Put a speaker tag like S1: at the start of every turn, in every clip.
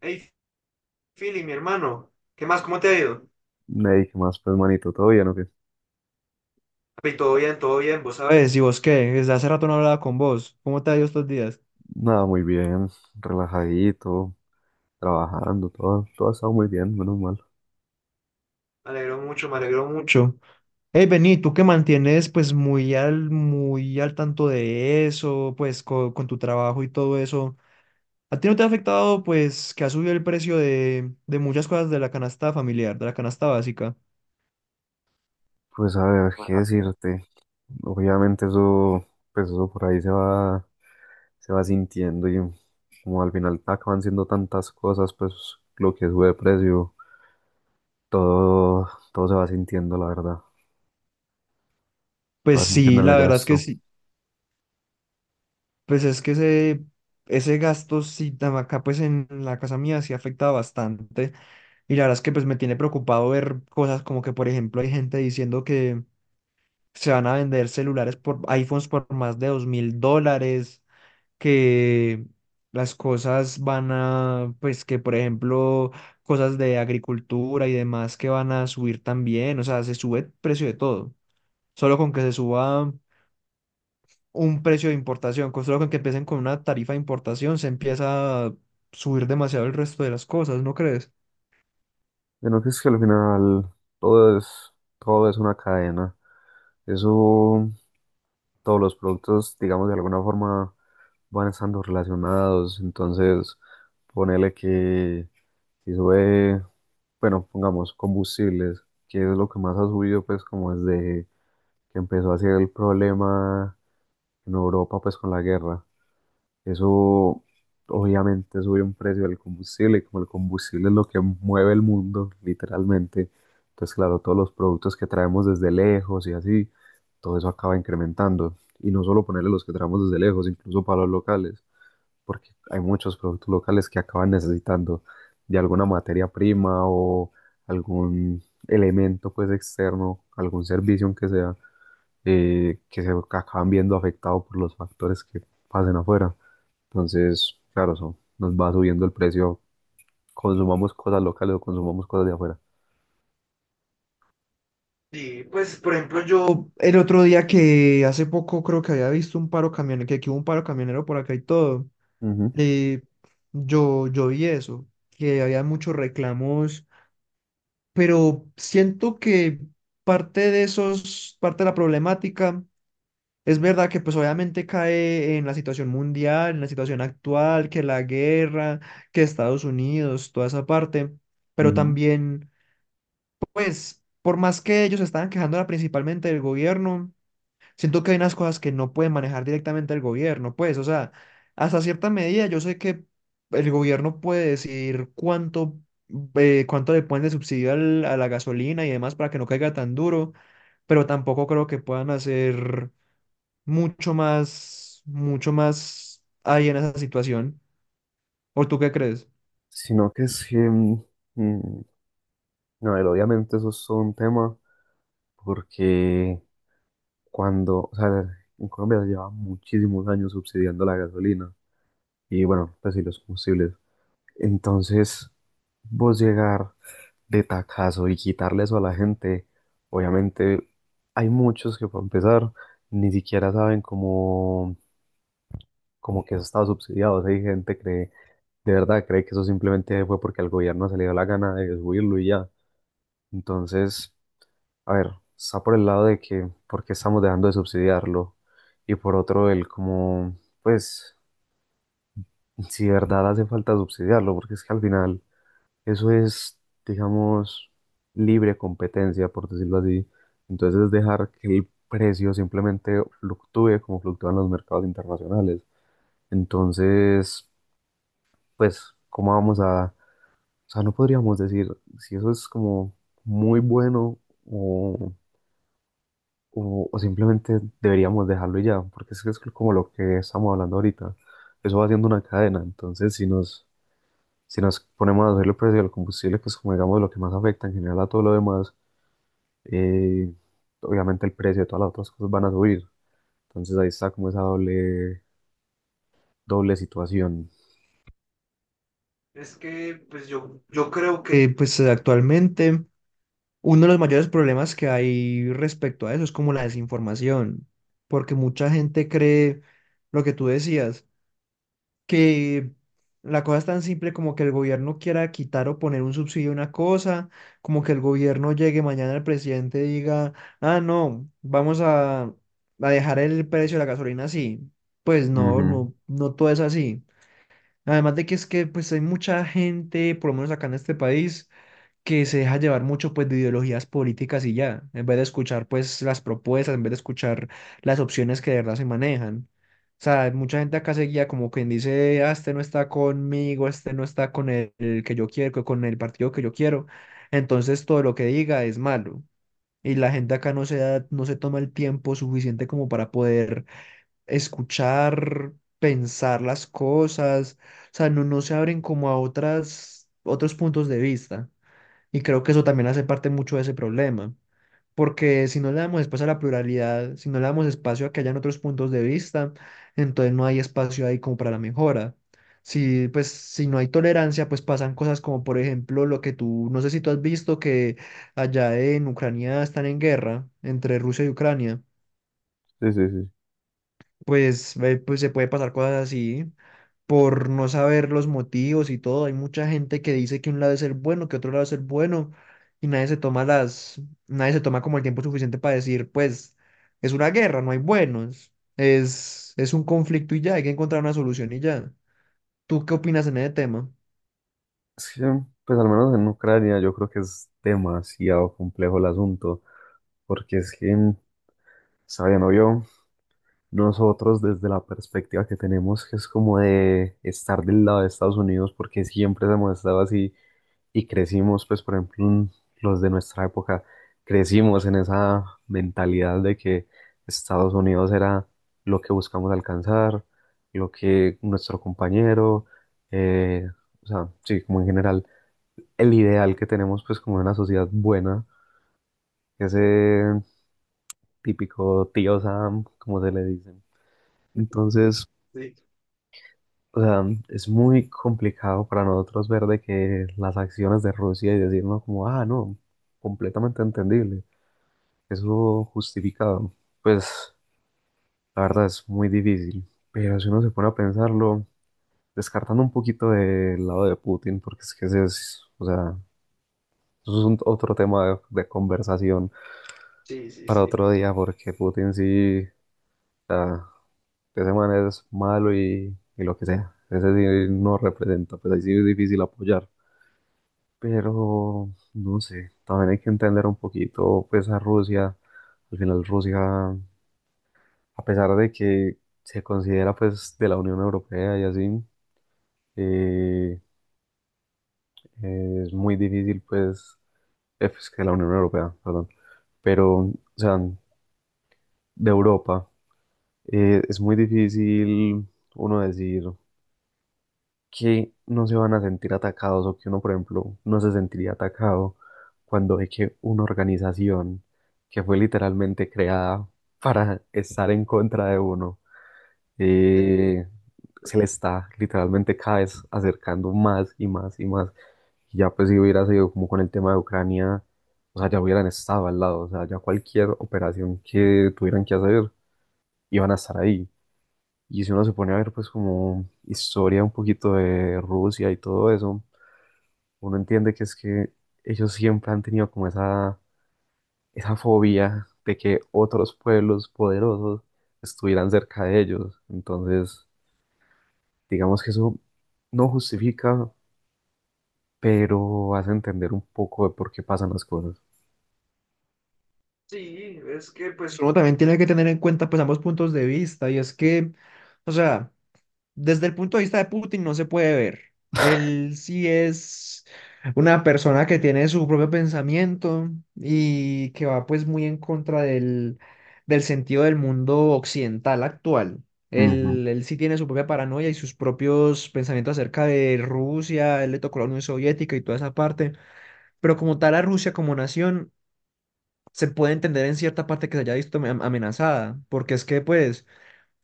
S1: Hey, Philly, mi hermano, ¿qué más? ¿Cómo te ha ido?
S2: Ney, ¿qué más, pues, manito? ¿Todo bien o qué?
S1: Papi, todo bien, vos sabés. ¿Y vos qué? Desde hace rato no hablaba con vos. ¿Cómo te ha ido estos días?
S2: Nada, muy bien, relajadito, trabajando, todo ha estado muy bien, menos mal.
S1: Me alegro mucho, me alegro mucho. Hey, Bení, tú que mantienes pues muy al tanto de eso, pues con tu trabajo y todo eso, ¿a ti no te ha afectado pues que ha subido el precio de muchas cosas de la canasta familiar, de la canasta básica?
S2: Pues, a ver, ¿qué decirte? Obviamente eso, pues eso por ahí se va sintiendo y como al final te acaban siendo tantas cosas, pues lo que sube de precio, todo, todo se va sintiendo, la verdad, se
S1: Pues
S2: va sintiendo
S1: sí,
S2: en el
S1: la verdad es que
S2: gasto.
S1: sí. Pues es que ese gasto, sí, acá pues en la casa mía sí afecta bastante. Y la verdad es que pues me tiene preocupado ver cosas como que, por ejemplo, hay gente diciendo que se van a vender celulares por iPhones por más de $2.000, que las cosas van a, pues que, por ejemplo, cosas de agricultura y demás que van a subir también. O sea, se sube el precio de todo. Solo con que se suba un precio de importación. Con solo con que empiecen con una tarifa de importación, se empieza a subir demasiado el resto de las cosas, ¿no crees?
S2: Bueno, que es que al final todo es, todo es una cadena, eso. Todos los productos, digamos, de alguna forma van estando relacionados. Entonces, ponele que si sube, bueno, pongamos combustibles, que es lo que más ha subido, pues, como desde que empezó a ser el problema en Europa, pues, con la guerra. Eso obviamente sube un precio del combustible y como el combustible es lo que mueve el mundo, literalmente. Entonces, claro, todos los productos que traemos desde lejos y así, todo eso acaba incrementando. Y no solo ponerle los que traemos desde lejos, incluso para los locales, porque hay muchos productos locales que acaban necesitando de alguna materia prima o algún elemento pues externo, algún servicio aunque sea, que se acaban viendo afectado por los factores que pasen afuera. Entonces, claro, eso nos va subiendo el precio, consumamos cosas locales o consumamos cosas de afuera.
S1: Sí, pues por ejemplo el otro día que hace poco creo que había visto un paro camionero, que aquí hubo un paro camionero por acá y todo,
S2: Ujú,
S1: eh, yo vi eso, que había muchos reclamos, pero siento que parte de la problemática. Es verdad que pues obviamente cae en la situación mundial, en la situación actual, que la guerra, que Estados Unidos, toda esa parte, pero
S2: ujú.
S1: también pues por más que ellos estaban quejándola principalmente del gobierno, siento que hay unas cosas que no pueden manejar directamente el gobierno, pues o sea, hasta cierta medida yo sé que el gobierno puede decir cuánto, cuánto le ponen de subsidio a la gasolina y demás para que no caiga tan duro, pero tampoco creo que puedan hacer mucho más ahí en esa situación. ¿O tú qué crees?
S2: Sino que es que, mm, no, pero obviamente eso es todo un tema, porque cuando, o sea, en Colombia se lleva muchísimos años subsidiando la gasolina y bueno, pues sí, los combustibles. Entonces, vos llegar de tacazo y quitarle eso a la gente, obviamente hay muchos que para empezar ni siquiera saben cómo como que eso estaba subsidiado. O sea, hay gente que cree, de verdad cree que eso simplemente fue porque al gobierno se le dio la gana de subirlo y ya. Entonces, a ver, está por el lado de que por qué estamos dejando de subsidiarlo y por otro el como, pues, si de verdad hace falta subsidiarlo, porque es que al final eso es, digamos, libre competencia, por decirlo así. Entonces es dejar que el precio simplemente fluctúe como fluctúan los mercados internacionales. Entonces, pues, ¿cómo vamos a...? O sea, no podríamos decir si eso es como muy bueno o, o simplemente deberíamos dejarlo y ya, porque es que es como lo que estamos hablando ahorita. Eso va haciendo una cadena, entonces si nos ponemos a hacer el precio del combustible, que es como digamos lo que más afecta en general a todo lo demás, eh, obviamente el precio de todas las otras cosas van a subir. Entonces ahí está como esa doble, doble situación.
S1: Es que, yo creo que... actualmente uno de los mayores problemas que hay respecto a eso es como la desinformación, porque mucha gente cree lo que tú decías, que la cosa es tan simple como que el gobierno quiera quitar o poner un subsidio a una cosa, como que el gobierno llegue mañana al presidente y diga, ah, no, vamos a dejar el precio de la gasolina así. Pues no,
S2: Ujú.
S1: no, no todo es así. Además de que es que pues hay mucha gente, por lo menos acá en este país, que se deja llevar mucho pues de ideologías políticas y ya, en vez de escuchar pues las propuestas, en vez de escuchar las opciones que de verdad se manejan. O sea, mucha gente acá se guía como quien dice, ah, este no está conmigo, este no está con el que yo quiero, con el partido que yo quiero. Entonces todo lo que diga es malo. Y la gente acá no se toma el tiempo suficiente como para poder escuchar, pensar las cosas. O sea, no se abren como a otros puntos de vista. Y creo que eso también hace parte mucho de ese problema, porque si no le damos espacio a la pluralidad, si no le damos espacio a que hayan otros puntos de vista, entonces no hay espacio ahí como para la mejora. Si, pues, si no hay tolerancia, pues pasan cosas como, por ejemplo, lo que tú, no sé si tú has visto que allá en Ucrania están en guerra entre Rusia y Ucrania.
S2: Sí, sí, sí.
S1: Pues, pues se puede pasar cosas así por no saber los motivos y todo. Hay mucha gente que dice que un lado es el bueno, que otro lado es el bueno, y nadie se toma como el tiempo suficiente para decir, pues, es una guerra, no hay buenos, es un conflicto y ya, hay que encontrar una solución y ya. ¿Tú qué opinas en ese tema?
S2: Es que, pues al menos en Ucrania yo creo que es demasiado complejo el asunto, porque es que, sabiendo yo, nosotros desde la perspectiva que tenemos, que es como de estar del lado de Estados Unidos, porque siempre hemos estado así y crecimos, pues por ejemplo, en los de nuestra época, crecimos en esa mentalidad de que Estados Unidos era lo que buscamos alcanzar, lo que nuestro compañero, eh, o sea, sí, como en general el ideal que tenemos pues como de una sociedad buena, ese típico Tío Sam, como se le dice. Entonces,
S1: Sí,
S2: o sea, es muy complicado para nosotros ver de que las acciones de Rusia y decirnos como, ah, no, completamente entendible, eso justificado, pues la verdad es muy difícil. Pero si uno se pone a pensarlo, descartando un poquito del lado de Putin, porque es que ese es, o sea, eso es otro tema de conversación
S1: sí, sí,
S2: para
S1: sí.
S2: otro día, porque Putin sí, o sea, ese man es malo y lo que sea. Ese sí no representa, pues ahí sí es difícil apoyar. Pero, no sé, también hay que entender un poquito, pues, a Rusia. Al final Rusia, a pesar de que se considera, pues, de la Unión Europea y así, eh, es muy difícil, pues, pues, que la Unión Europea, perdón. Pero, o sea, de Europa. Es muy difícil uno decir que no se van a sentir atacados o que uno, por ejemplo, no se sentiría atacado cuando ve que una organización que fue literalmente creada para estar en contra de uno, eh, se le está literalmente cada vez acercando más y más y más. Y ya pues si hubiera sido como con el tema de Ucrania, o sea, ya hubieran estado al lado, o sea, ya cualquier operación que tuvieran que hacer, iban a estar ahí. Y si uno se pone a ver pues como historia un poquito de Rusia y todo eso, uno entiende que es que ellos siempre han tenido como esa fobia de que otros pueblos poderosos estuvieran cerca de ellos. Entonces, digamos que eso no justifica, pero hace entender un poco de por qué pasan las cosas.
S1: Sí, es que pues uno también tiene que tener en cuenta pues ambos puntos de vista y es que, o sea, desde el punto de vista de Putin no se puede ver. Él sí es una persona que tiene su propio pensamiento y que va pues muy en contra del sentido del mundo occidental actual.
S2: Ujú,
S1: Él sí tiene su propia paranoia y sus propios pensamientos acerca de Rusia, él le tocó la Unión Soviética y toda esa parte, pero como tal a Rusia como nación se puede entender en cierta parte que se haya visto amenazada, porque es que pues...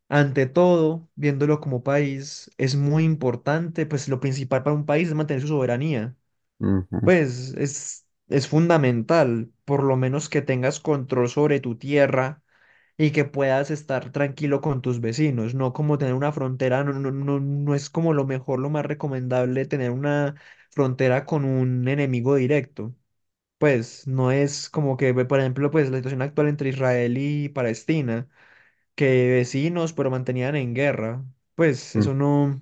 S1: Ante todo, viéndolo como país, es muy importante, pues lo principal para un país es mantener su soberanía.
S2: ujú,
S1: Pues es fundamental, por lo menos que tengas control sobre tu tierra y que puedas estar tranquilo con tus vecinos, no como tener una frontera, no, no, no, no es como lo mejor, lo más recomendable tener una frontera con un enemigo directo. Pues no es como que, ve, por ejemplo, pues la situación actual entre Israel y Palestina que vecinos, pero mantenían en guerra. Pues
S2: ujú.
S1: eso no,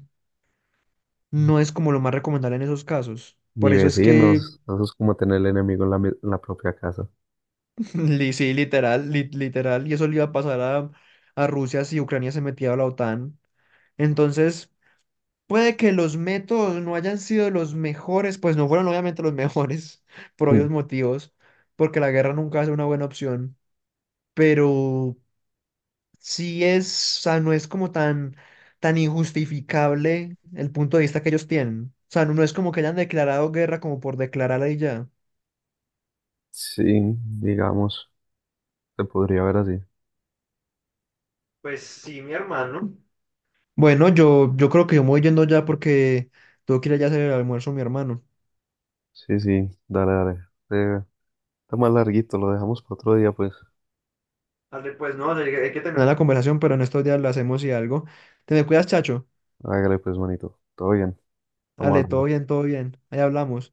S1: no es como lo más recomendable en esos casos.
S2: Ni
S1: Por eso es que,
S2: vecinos, eso es como tener el enemigo en la propia casa.
S1: sí, literal, literal, y eso le iba a pasar a Rusia si Ucrania se metía a la OTAN. Entonces, puede que los métodos no hayan sido los mejores, pues no fueron obviamente los mejores, por obvios
S2: Mm,
S1: motivos, porque la guerra nunca es una buena opción, pero sí es, o sea, no es como tan injustificable el punto de vista que ellos tienen. O sea, no, no es como que hayan declarado guerra como por declararla y ya.
S2: sí, digamos, se podría ver así.
S1: Pues sí, mi hermano. Bueno, yo creo que yo me voy yendo ya porque tengo que ir allá a hacer el almuerzo, mi hermano.
S2: Sí, sí, dale, dale. Eh, Está más larguito, lo dejamos para otro día, pues.
S1: Dale, pues no, hay que terminar la conversación, pero en estos días lo hacemos y algo. Te me cuidas, chacho.
S2: Hágale, pues, manito. Todo bien, estamos
S1: Ale, todo
S2: hablando.
S1: bien, todo bien. Ahí hablamos.